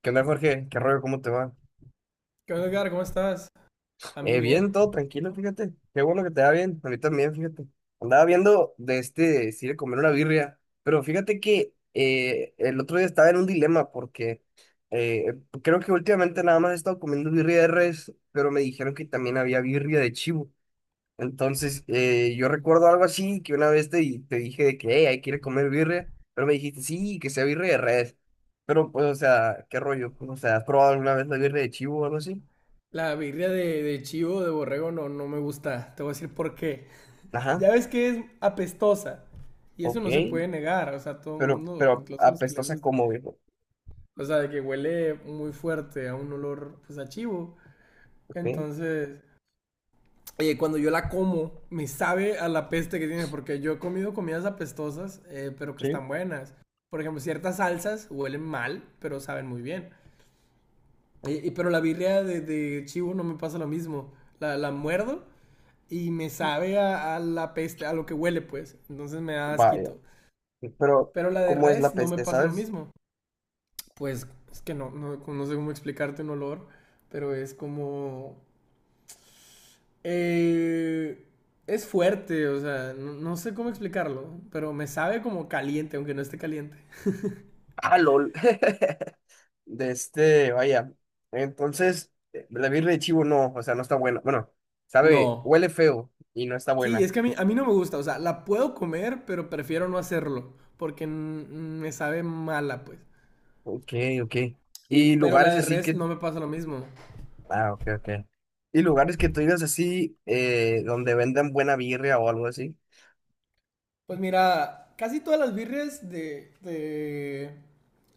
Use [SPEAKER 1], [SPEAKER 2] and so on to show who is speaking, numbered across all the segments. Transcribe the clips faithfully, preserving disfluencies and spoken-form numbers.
[SPEAKER 1] ¿Qué onda, Jorge? ¿Qué rollo? ¿Cómo te va?
[SPEAKER 2] ¿Qué onda, Edgar? ¿Cómo estás? A mí
[SPEAKER 1] Eh, bien,
[SPEAKER 2] bien.
[SPEAKER 1] todo
[SPEAKER 2] ¿Y
[SPEAKER 1] tranquilo,
[SPEAKER 2] tú?
[SPEAKER 1] fíjate. Qué bueno que te va bien. A mí también, fíjate. Andaba viendo de este, si de comer una birria. Pero fíjate que eh, el otro día estaba en un dilema porque eh, creo que últimamente nada más he estado comiendo birria de res, pero me dijeron que también había birria de chivo. Entonces, eh, yo recuerdo algo así, que una vez te, di- te dije de que, hey, hay que ir a comer birria, pero me dijiste, sí, que sea birria de res. Pero, pues, o sea, ¿qué rollo? O sea, ¿has probado alguna vez la birria de chivo o algo así?
[SPEAKER 2] La birria de, de chivo, de borrego, no, no me gusta. Te voy a decir por qué. Ya
[SPEAKER 1] Ajá,
[SPEAKER 2] ves que es apestosa. Y eso
[SPEAKER 1] ok,
[SPEAKER 2] no se puede negar. O sea, todo el
[SPEAKER 1] pero,
[SPEAKER 2] mundo,
[SPEAKER 1] pero
[SPEAKER 2] incluso los que le
[SPEAKER 1] apestosa
[SPEAKER 2] gusta.
[SPEAKER 1] como, viejo,
[SPEAKER 2] O sea, de que huele muy fuerte a un olor, pues, a chivo.
[SPEAKER 1] ok,
[SPEAKER 2] Entonces, oye, cuando yo la como, me sabe a la peste que tiene. Porque yo he comido comidas apestosas, eh, pero que
[SPEAKER 1] sí,
[SPEAKER 2] están buenas. Por ejemplo, ciertas salsas huelen mal, pero saben muy bien. Y, y- pero la birria de, de chivo no me pasa lo mismo. La, la muerdo y me sabe a, a la peste, a lo que huele, pues. Entonces me da
[SPEAKER 1] vaya,
[SPEAKER 2] asquito.
[SPEAKER 1] pero
[SPEAKER 2] Pero la de
[SPEAKER 1] ¿cómo es la
[SPEAKER 2] res no me
[SPEAKER 1] peste,
[SPEAKER 2] pasa lo
[SPEAKER 1] sabes?
[SPEAKER 2] mismo. Pues es que no, no, no sé cómo explicarte un olor, pero es como, eh, es fuerte, o sea, no, no sé cómo explicarlo, pero me sabe como caliente, aunque no esté caliente.
[SPEAKER 1] Ah, lol, de este, vaya, entonces, eh, la birria de chivo no, o sea, no está buena, bueno, sabe,
[SPEAKER 2] No.
[SPEAKER 1] huele feo y no está
[SPEAKER 2] Sí, es
[SPEAKER 1] buena,
[SPEAKER 2] que a mí, a mí no me gusta, o sea, la puedo comer, pero prefiero no hacerlo, porque mm, me sabe mala, pues.
[SPEAKER 1] ok, ok, y
[SPEAKER 2] Y, pero la
[SPEAKER 1] lugares
[SPEAKER 2] de
[SPEAKER 1] así
[SPEAKER 2] res
[SPEAKER 1] que,
[SPEAKER 2] no me pasa lo mismo.
[SPEAKER 1] ah, ok, ok, y lugares que tú digas así, eh, donde vendan buena birria o algo así,
[SPEAKER 2] Pues mira, casi todas las birres de, de,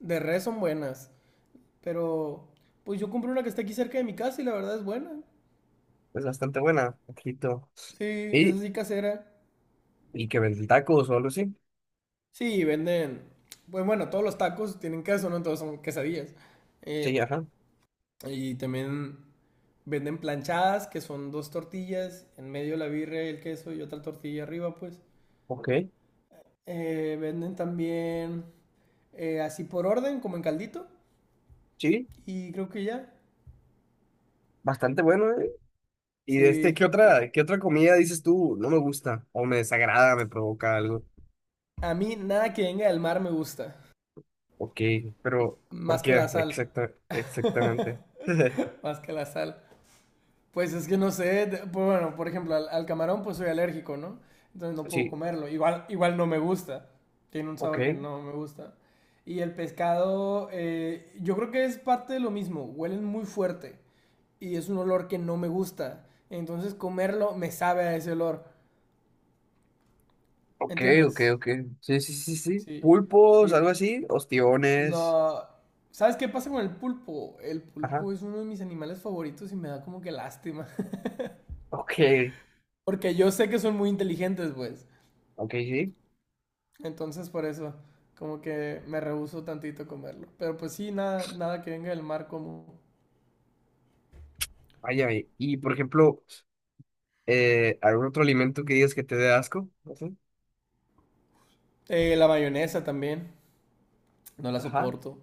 [SPEAKER 2] de res son buenas. Pero pues yo compré una que está aquí cerca de mi casa y la verdad es buena.
[SPEAKER 1] es bastante buena, ojito,
[SPEAKER 2] Sí, es
[SPEAKER 1] y,
[SPEAKER 2] así casera.
[SPEAKER 1] y que venden tacos o algo así.
[SPEAKER 2] Sí, venden. Pues bueno, todos los tacos tienen queso, ¿no? Entonces son quesadillas.
[SPEAKER 1] Sí,
[SPEAKER 2] Eh,
[SPEAKER 1] ajá.
[SPEAKER 2] y también venden planchadas, que son dos tortillas, en medio la birra, el queso y otra tortilla arriba, pues.
[SPEAKER 1] Ok,
[SPEAKER 2] Eh, venden también eh, así por orden, como en caldito.
[SPEAKER 1] sí,
[SPEAKER 2] Y creo que ya.
[SPEAKER 1] bastante bueno, ¿eh? Y de este,
[SPEAKER 2] Sí.
[SPEAKER 1] ¿qué
[SPEAKER 2] Y
[SPEAKER 1] otra, qué otra comida dices tú? No me gusta, o me desagrada, me provoca algo.
[SPEAKER 2] a mí nada que venga del mar me gusta.
[SPEAKER 1] Ok, pero ¿por
[SPEAKER 2] Más que la
[SPEAKER 1] qué?
[SPEAKER 2] sal.
[SPEAKER 1] Exacta, exactamente.
[SPEAKER 2] Más que la sal. Pues es que no sé. de- pues bueno, por ejemplo, al, al camarón pues soy alérgico, ¿no? Entonces no puedo
[SPEAKER 1] Sí,
[SPEAKER 2] comerlo. Igual, igual no me gusta. Tiene un
[SPEAKER 1] ok,
[SPEAKER 2] sabor que no me gusta. Y el pescado, eh, yo creo que es parte de lo mismo. Huelen muy fuerte. Y es un olor que no me gusta. Entonces comerlo me sabe a ese olor.
[SPEAKER 1] ok, ok,
[SPEAKER 2] ¿Entiendes?
[SPEAKER 1] ok. Sí, sí, sí, sí.
[SPEAKER 2] Sí.
[SPEAKER 1] Pulpos, algo
[SPEAKER 2] Y-
[SPEAKER 1] así, ostiones.
[SPEAKER 2] No, ¿sabes qué pasa con el pulpo? El
[SPEAKER 1] Ajá.
[SPEAKER 2] pulpo es uno de mis animales favoritos y me da como que lástima.
[SPEAKER 1] Ok,
[SPEAKER 2] Porque yo sé que son muy inteligentes, pues.
[SPEAKER 1] ok, sí.
[SPEAKER 2] Entonces por eso, como que me rehúso tantito a comerlo. Pero pues sí, nada, nada que venga del mar como.
[SPEAKER 1] Vaya, y, y, por ejemplo, eh, ¿algún otro alimento que digas que te dé asco? No sé.
[SPEAKER 2] Eh, la mayonesa también, no la
[SPEAKER 1] Ajá.
[SPEAKER 2] soporto.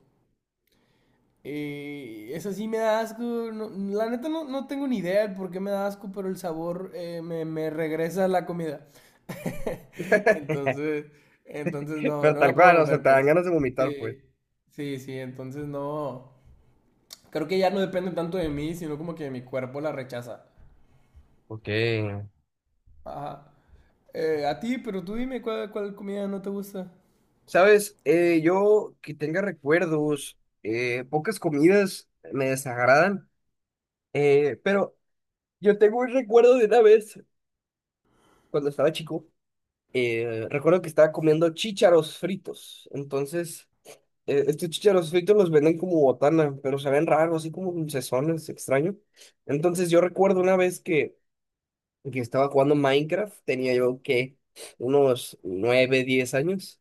[SPEAKER 2] Eh, esa sí me da asco. no- la neta no, no tengo ni idea de por qué me da asco, pero el sabor eh, me, me regresa a la comida. Entonces, entonces no,
[SPEAKER 1] Pero
[SPEAKER 2] no
[SPEAKER 1] tal
[SPEAKER 2] la puedo
[SPEAKER 1] cual, o sea,
[SPEAKER 2] comer,
[SPEAKER 1] te dan
[SPEAKER 2] pues.
[SPEAKER 1] ganas de vomitar, pues.
[SPEAKER 2] Sí, sí, sí, entonces no. Creo que ya no depende tanto de mí, sino como que mi cuerpo la rechaza.
[SPEAKER 1] Ok.
[SPEAKER 2] Ajá. Eh, a ti, pero tú dime cuál, cuál comida no te gusta.
[SPEAKER 1] Sabes, Eh, yo que tenga recuerdos, eh, pocas comidas me desagradan, eh, pero yo tengo un recuerdo de una vez cuando estaba chico. Eh, recuerdo que estaba comiendo chícharos fritos. Entonces, eh, estos chícharos fritos los venden como botana, pero se ven raros, así como dulcezones, extraño. Entonces, yo recuerdo una vez que, que estaba jugando Minecraft, tenía yo que unos nueve diez años.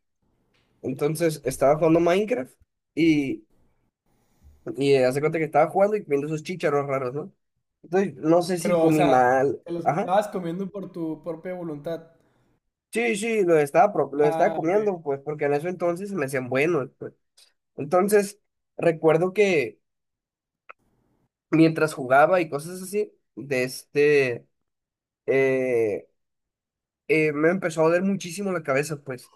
[SPEAKER 1] Entonces estaba jugando Minecraft y, y eh, hace cuenta que estaba jugando y viendo esos chícharos raros, ¿no? Entonces no sé si
[SPEAKER 2] Pero, o
[SPEAKER 1] comí
[SPEAKER 2] sea,
[SPEAKER 1] mal.
[SPEAKER 2] te los
[SPEAKER 1] Ajá.
[SPEAKER 2] estabas comiendo por tu propia voluntad.
[SPEAKER 1] Sí, sí, lo estaba, pro- lo estaba
[SPEAKER 2] Ah, ok.
[SPEAKER 1] comiendo, pues, porque en eso entonces se me hacían buenos, pues. Entonces, recuerdo que mientras jugaba y cosas así, de este, eh, eh, me empezó a doler muchísimo la cabeza, pues.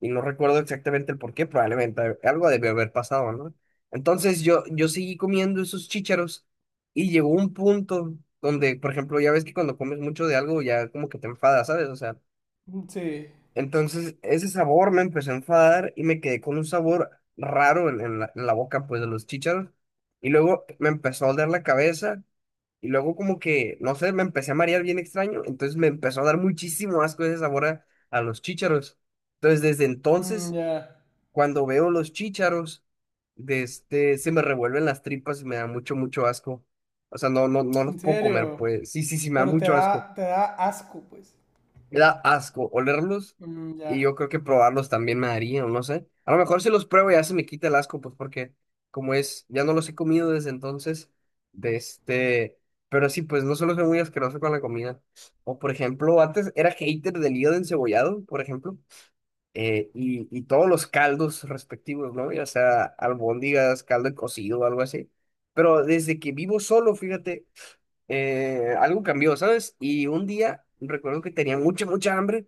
[SPEAKER 1] Y no recuerdo exactamente el por qué, probablemente algo debió haber pasado, ¿no? Entonces yo, yo seguí comiendo esos chícharos y llegó un punto donde, por ejemplo, ya ves que cuando comes mucho de algo ya como que te enfadas, ¿sabes? O sea,
[SPEAKER 2] Mm, sí.
[SPEAKER 1] entonces ese sabor me empezó a enfadar y me quedé con un sabor raro en, en la, en la boca, pues, de los chícharos. Y luego me empezó a doler la cabeza y luego como que, no sé, me empecé a marear bien extraño, entonces me empezó a dar muchísimo asco ese sabor a, a los chícharos. Entonces, desde
[SPEAKER 2] Mm,
[SPEAKER 1] entonces
[SPEAKER 2] ya.
[SPEAKER 1] cuando veo los chícharos, de este, se me revuelven las tripas y me da mucho, mucho asco. O sea, no, no, no los
[SPEAKER 2] En
[SPEAKER 1] puedo comer,
[SPEAKER 2] serio.
[SPEAKER 1] pues. Sí, sí, sí, me da
[SPEAKER 2] Pero te
[SPEAKER 1] mucho asco.
[SPEAKER 2] da, te da asco, pues.
[SPEAKER 1] Me da asco olerlos
[SPEAKER 2] Mm,
[SPEAKER 1] y
[SPEAKER 2] ya.
[SPEAKER 1] yo creo que probarlos también me daría, o no sé. A lo mejor si los pruebo ya se me quita el asco, pues porque como es, ya no los he comido desde entonces, de este... Pero sí, pues no solo soy muy asqueroso con la comida. O por ejemplo, antes era hater del hígado encebollado, por ejemplo eh, y, y todos los caldos respectivos, ¿no? Ya sea albóndigas, caldo de cocido, algo así. Pero desde que vivo solo, fíjate, eh, algo cambió, ¿sabes? Y un día recuerdo que tenía mucha, mucha hambre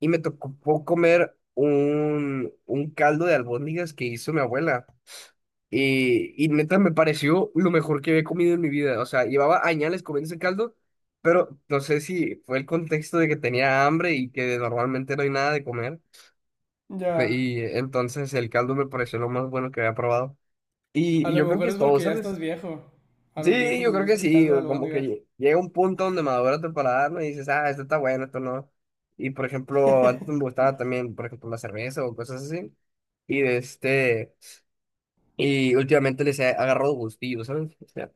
[SPEAKER 1] y me tocó comer un, un caldo de albóndigas que hizo mi abuela. Y, y neta me pareció lo mejor que había comido en mi vida. O sea, llevaba añales comiendo ese caldo, pero no sé si fue el contexto de que tenía hambre y que normalmente no hay nada de comer. Pe-
[SPEAKER 2] Ya.
[SPEAKER 1] Y entonces el caldo me pareció lo más bueno que había probado. Y,
[SPEAKER 2] A
[SPEAKER 1] y
[SPEAKER 2] lo
[SPEAKER 1] yo creo que
[SPEAKER 2] mejor
[SPEAKER 1] es
[SPEAKER 2] es
[SPEAKER 1] todo,
[SPEAKER 2] porque ya estás
[SPEAKER 1] ¿sabes?
[SPEAKER 2] viejo. A los
[SPEAKER 1] Sí,
[SPEAKER 2] viejos
[SPEAKER 1] yo
[SPEAKER 2] les
[SPEAKER 1] creo que
[SPEAKER 2] gusta el
[SPEAKER 1] sí.
[SPEAKER 2] caldo de
[SPEAKER 1] O como que
[SPEAKER 2] albóndigas.
[SPEAKER 1] lle- llega un punto donde madura tu paladar, ¿no? Y dices, ah, esto está bueno, esto no. Y por ejemplo, antes me gustaba también, por ejemplo, la cerveza o cosas así. Y de este, y últimamente les he agarrado gustillo, ¿sabes? O sea,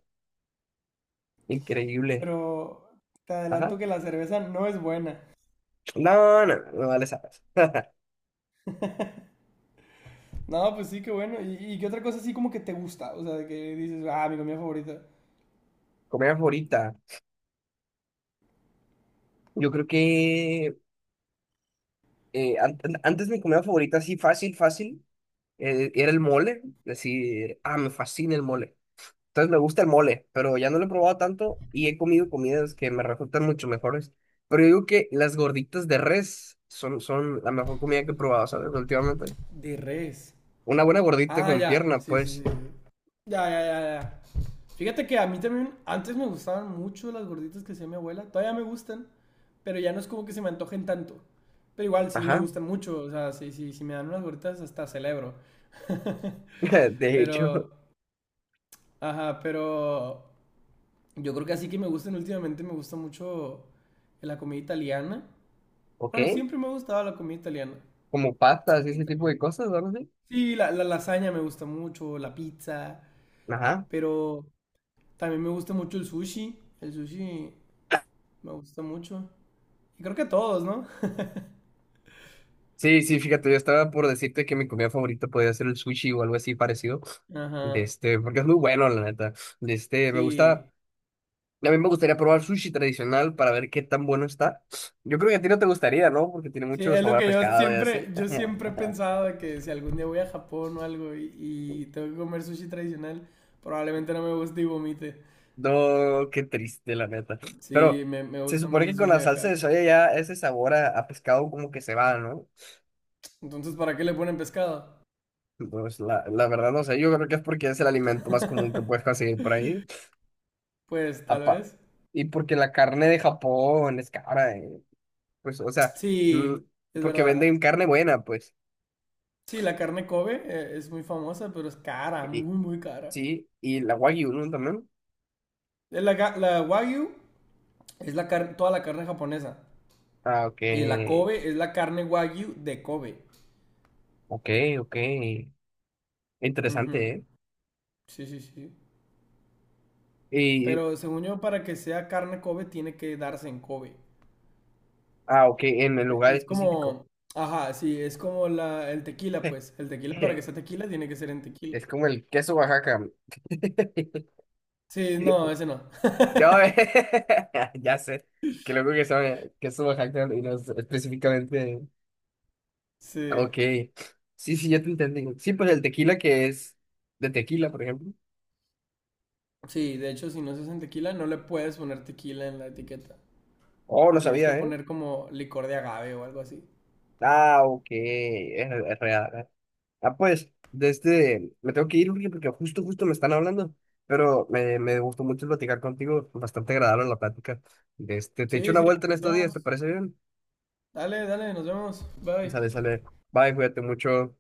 [SPEAKER 1] increíble.
[SPEAKER 2] Pero te
[SPEAKER 1] Ajá.
[SPEAKER 2] adelanto que la cerveza no es buena.
[SPEAKER 1] No, no, no, no vale, sabes.
[SPEAKER 2] No, pues sí, qué bueno. ¿Y, y qué otra cosa así como que te gusta? O sea, de que dices, ah, mi comida favorita.
[SPEAKER 1] Comida favorita. Yo creo que eh, an- an- antes mi comida favorita, así fácil, fácil. Eh, era el mole, decir, ah, me fascina el mole. Entonces me gusta el mole, pero ya no lo he probado tanto y he comido comidas que me resultan mucho mejores. Pero yo digo que las gorditas de res son, son la mejor comida que he probado, ¿sabes? Últimamente.
[SPEAKER 2] De res.
[SPEAKER 1] Una buena gordita
[SPEAKER 2] Ah,
[SPEAKER 1] con
[SPEAKER 2] ya.
[SPEAKER 1] pierna,
[SPEAKER 2] Sí, sí, sí.
[SPEAKER 1] pues.
[SPEAKER 2] Ya, ya, ya, ya. Fíjate que a mí también antes me gustaban mucho las gorditas que hacía mi abuela. Todavía me gustan, pero ya no es como que se me antojen tanto. Pero igual sí me
[SPEAKER 1] Ajá.
[SPEAKER 2] gustan mucho. O sea, sí, sí, si me dan unas gorditas hasta celebro.
[SPEAKER 1] De hecho,
[SPEAKER 2] Pero. Ajá, pero yo creo que así que me gustan últimamente, me gusta mucho la comida italiana.
[SPEAKER 1] ok.
[SPEAKER 2] Bueno, siempre me ha gustado la comida italiana.
[SPEAKER 1] Como pastas y ese tipo de
[SPEAKER 2] Italiana.
[SPEAKER 1] cosas, ¿no? Sí.
[SPEAKER 2] Sí, la, la lasaña me gusta mucho, la pizza,
[SPEAKER 1] Ajá.
[SPEAKER 2] pero también me gusta mucho el sushi. El sushi me gusta mucho. Y creo que todos, ¿no?
[SPEAKER 1] Sí, sí, fíjate, yo estaba por decirte que mi comida favorita podía ser el sushi o algo así parecido. De
[SPEAKER 2] Ajá,
[SPEAKER 1] este, porque es muy bueno, la neta. De este, me gusta.
[SPEAKER 2] sí.
[SPEAKER 1] A mí me gustaría probar sushi tradicional para ver qué tan bueno está. Yo creo que a ti no te gustaría, ¿no? Porque tiene
[SPEAKER 2] Sí,
[SPEAKER 1] mucho
[SPEAKER 2] es lo
[SPEAKER 1] sabor a
[SPEAKER 2] que yo
[SPEAKER 1] pescado y
[SPEAKER 2] siempre,
[SPEAKER 1] así.
[SPEAKER 2] yo siempre he pensado de que si algún día voy a Japón o algo y, y tengo que comer sushi tradicional, probablemente no me guste y vomite.
[SPEAKER 1] No, qué triste, la neta.
[SPEAKER 2] Sí,
[SPEAKER 1] Pero
[SPEAKER 2] me, me
[SPEAKER 1] se
[SPEAKER 2] gusta más
[SPEAKER 1] supone
[SPEAKER 2] el
[SPEAKER 1] que con
[SPEAKER 2] sushi
[SPEAKER 1] la
[SPEAKER 2] de
[SPEAKER 1] salsa de
[SPEAKER 2] acá.
[SPEAKER 1] soya ya ese sabor a, a pescado como que se va, ¿no?
[SPEAKER 2] Entonces, ¿para qué le ponen pescado?
[SPEAKER 1] Pues la, la verdad no sé, yo creo que es porque es el alimento más común que puedes conseguir por ahí.
[SPEAKER 2] Pues tal
[SPEAKER 1] Apa-
[SPEAKER 2] vez.
[SPEAKER 1] Y porque la carne de Japón es cara, eh. Pues, o sea, mm,
[SPEAKER 2] Sí, es
[SPEAKER 1] porque
[SPEAKER 2] verdad.
[SPEAKER 1] venden carne buena, pues.
[SPEAKER 2] Sí, la carne Kobe eh, es muy famosa, pero es cara,
[SPEAKER 1] Y,
[SPEAKER 2] muy, muy cara.
[SPEAKER 1] sí, y la wagyu, ¿no? También.
[SPEAKER 2] Eh, La, ga- la Wagyu es la car- toda la carne japonesa.
[SPEAKER 1] Ah, ok.
[SPEAKER 2] Y la Kobe es la carne Wagyu de Kobe.
[SPEAKER 1] Ok, ok. Interesante,
[SPEAKER 2] Ujú.
[SPEAKER 1] ¿eh?
[SPEAKER 2] Sí, sí, sí.
[SPEAKER 1] Y,
[SPEAKER 2] Pero según yo, para que sea carne Kobe, tiene que darse en Kobe.
[SPEAKER 1] ah, ok, en el
[SPEAKER 2] E-
[SPEAKER 1] lugar
[SPEAKER 2] Es
[SPEAKER 1] específico.
[SPEAKER 2] como, ajá, sí, es como la, el tequila, pues. El tequila para que sea tequila tiene que ser en tequila.
[SPEAKER 1] Es como el queso Oaxaca.
[SPEAKER 2] Sí, no, ese no.
[SPEAKER 1] No, ya sé. Qué loco que sabe queso Oaxaca y no sé específicamente.
[SPEAKER 2] Sí.
[SPEAKER 1] Ok. Sí, sí, ya te entendí. Sí, pues el tequila que es de tequila, por ejemplo.
[SPEAKER 2] Sí, de hecho, si no se hace en tequila, no le puedes poner tequila en la etiqueta.
[SPEAKER 1] Oh,
[SPEAKER 2] Le
[SPEAKER 1] no
[SPEAKER 2] tienes que
[SPEAKER 1] sabía, ¿eh?
[SPEAKER 2] poner como licor de agave o algo así.
[SPEAKER 1] Ah, ok. Es, es real. Ah, pues, de este, me tengo que ir, Uriel, porque justo, justo me están hablando, pero me, me gustó mucho platicar contigo, bastante agradable la plática. De este, te echo
[SPEAKER 2] Sí,
[SPEAKER 1] una
[SPEAKER 2] sí,
[SPEAKER 1] vuelta en
[SPEAKER 2] nos
[SPEAKER 1] estos días, ¿te
[SPEAKER 2] vemos.
[SPEAKER 1] parece bien?
[SPEAKER 2] Dale, dale, nos vemos. Bye.
[SPEAKER 1] Sale, sale. Bye, cuídate mucho.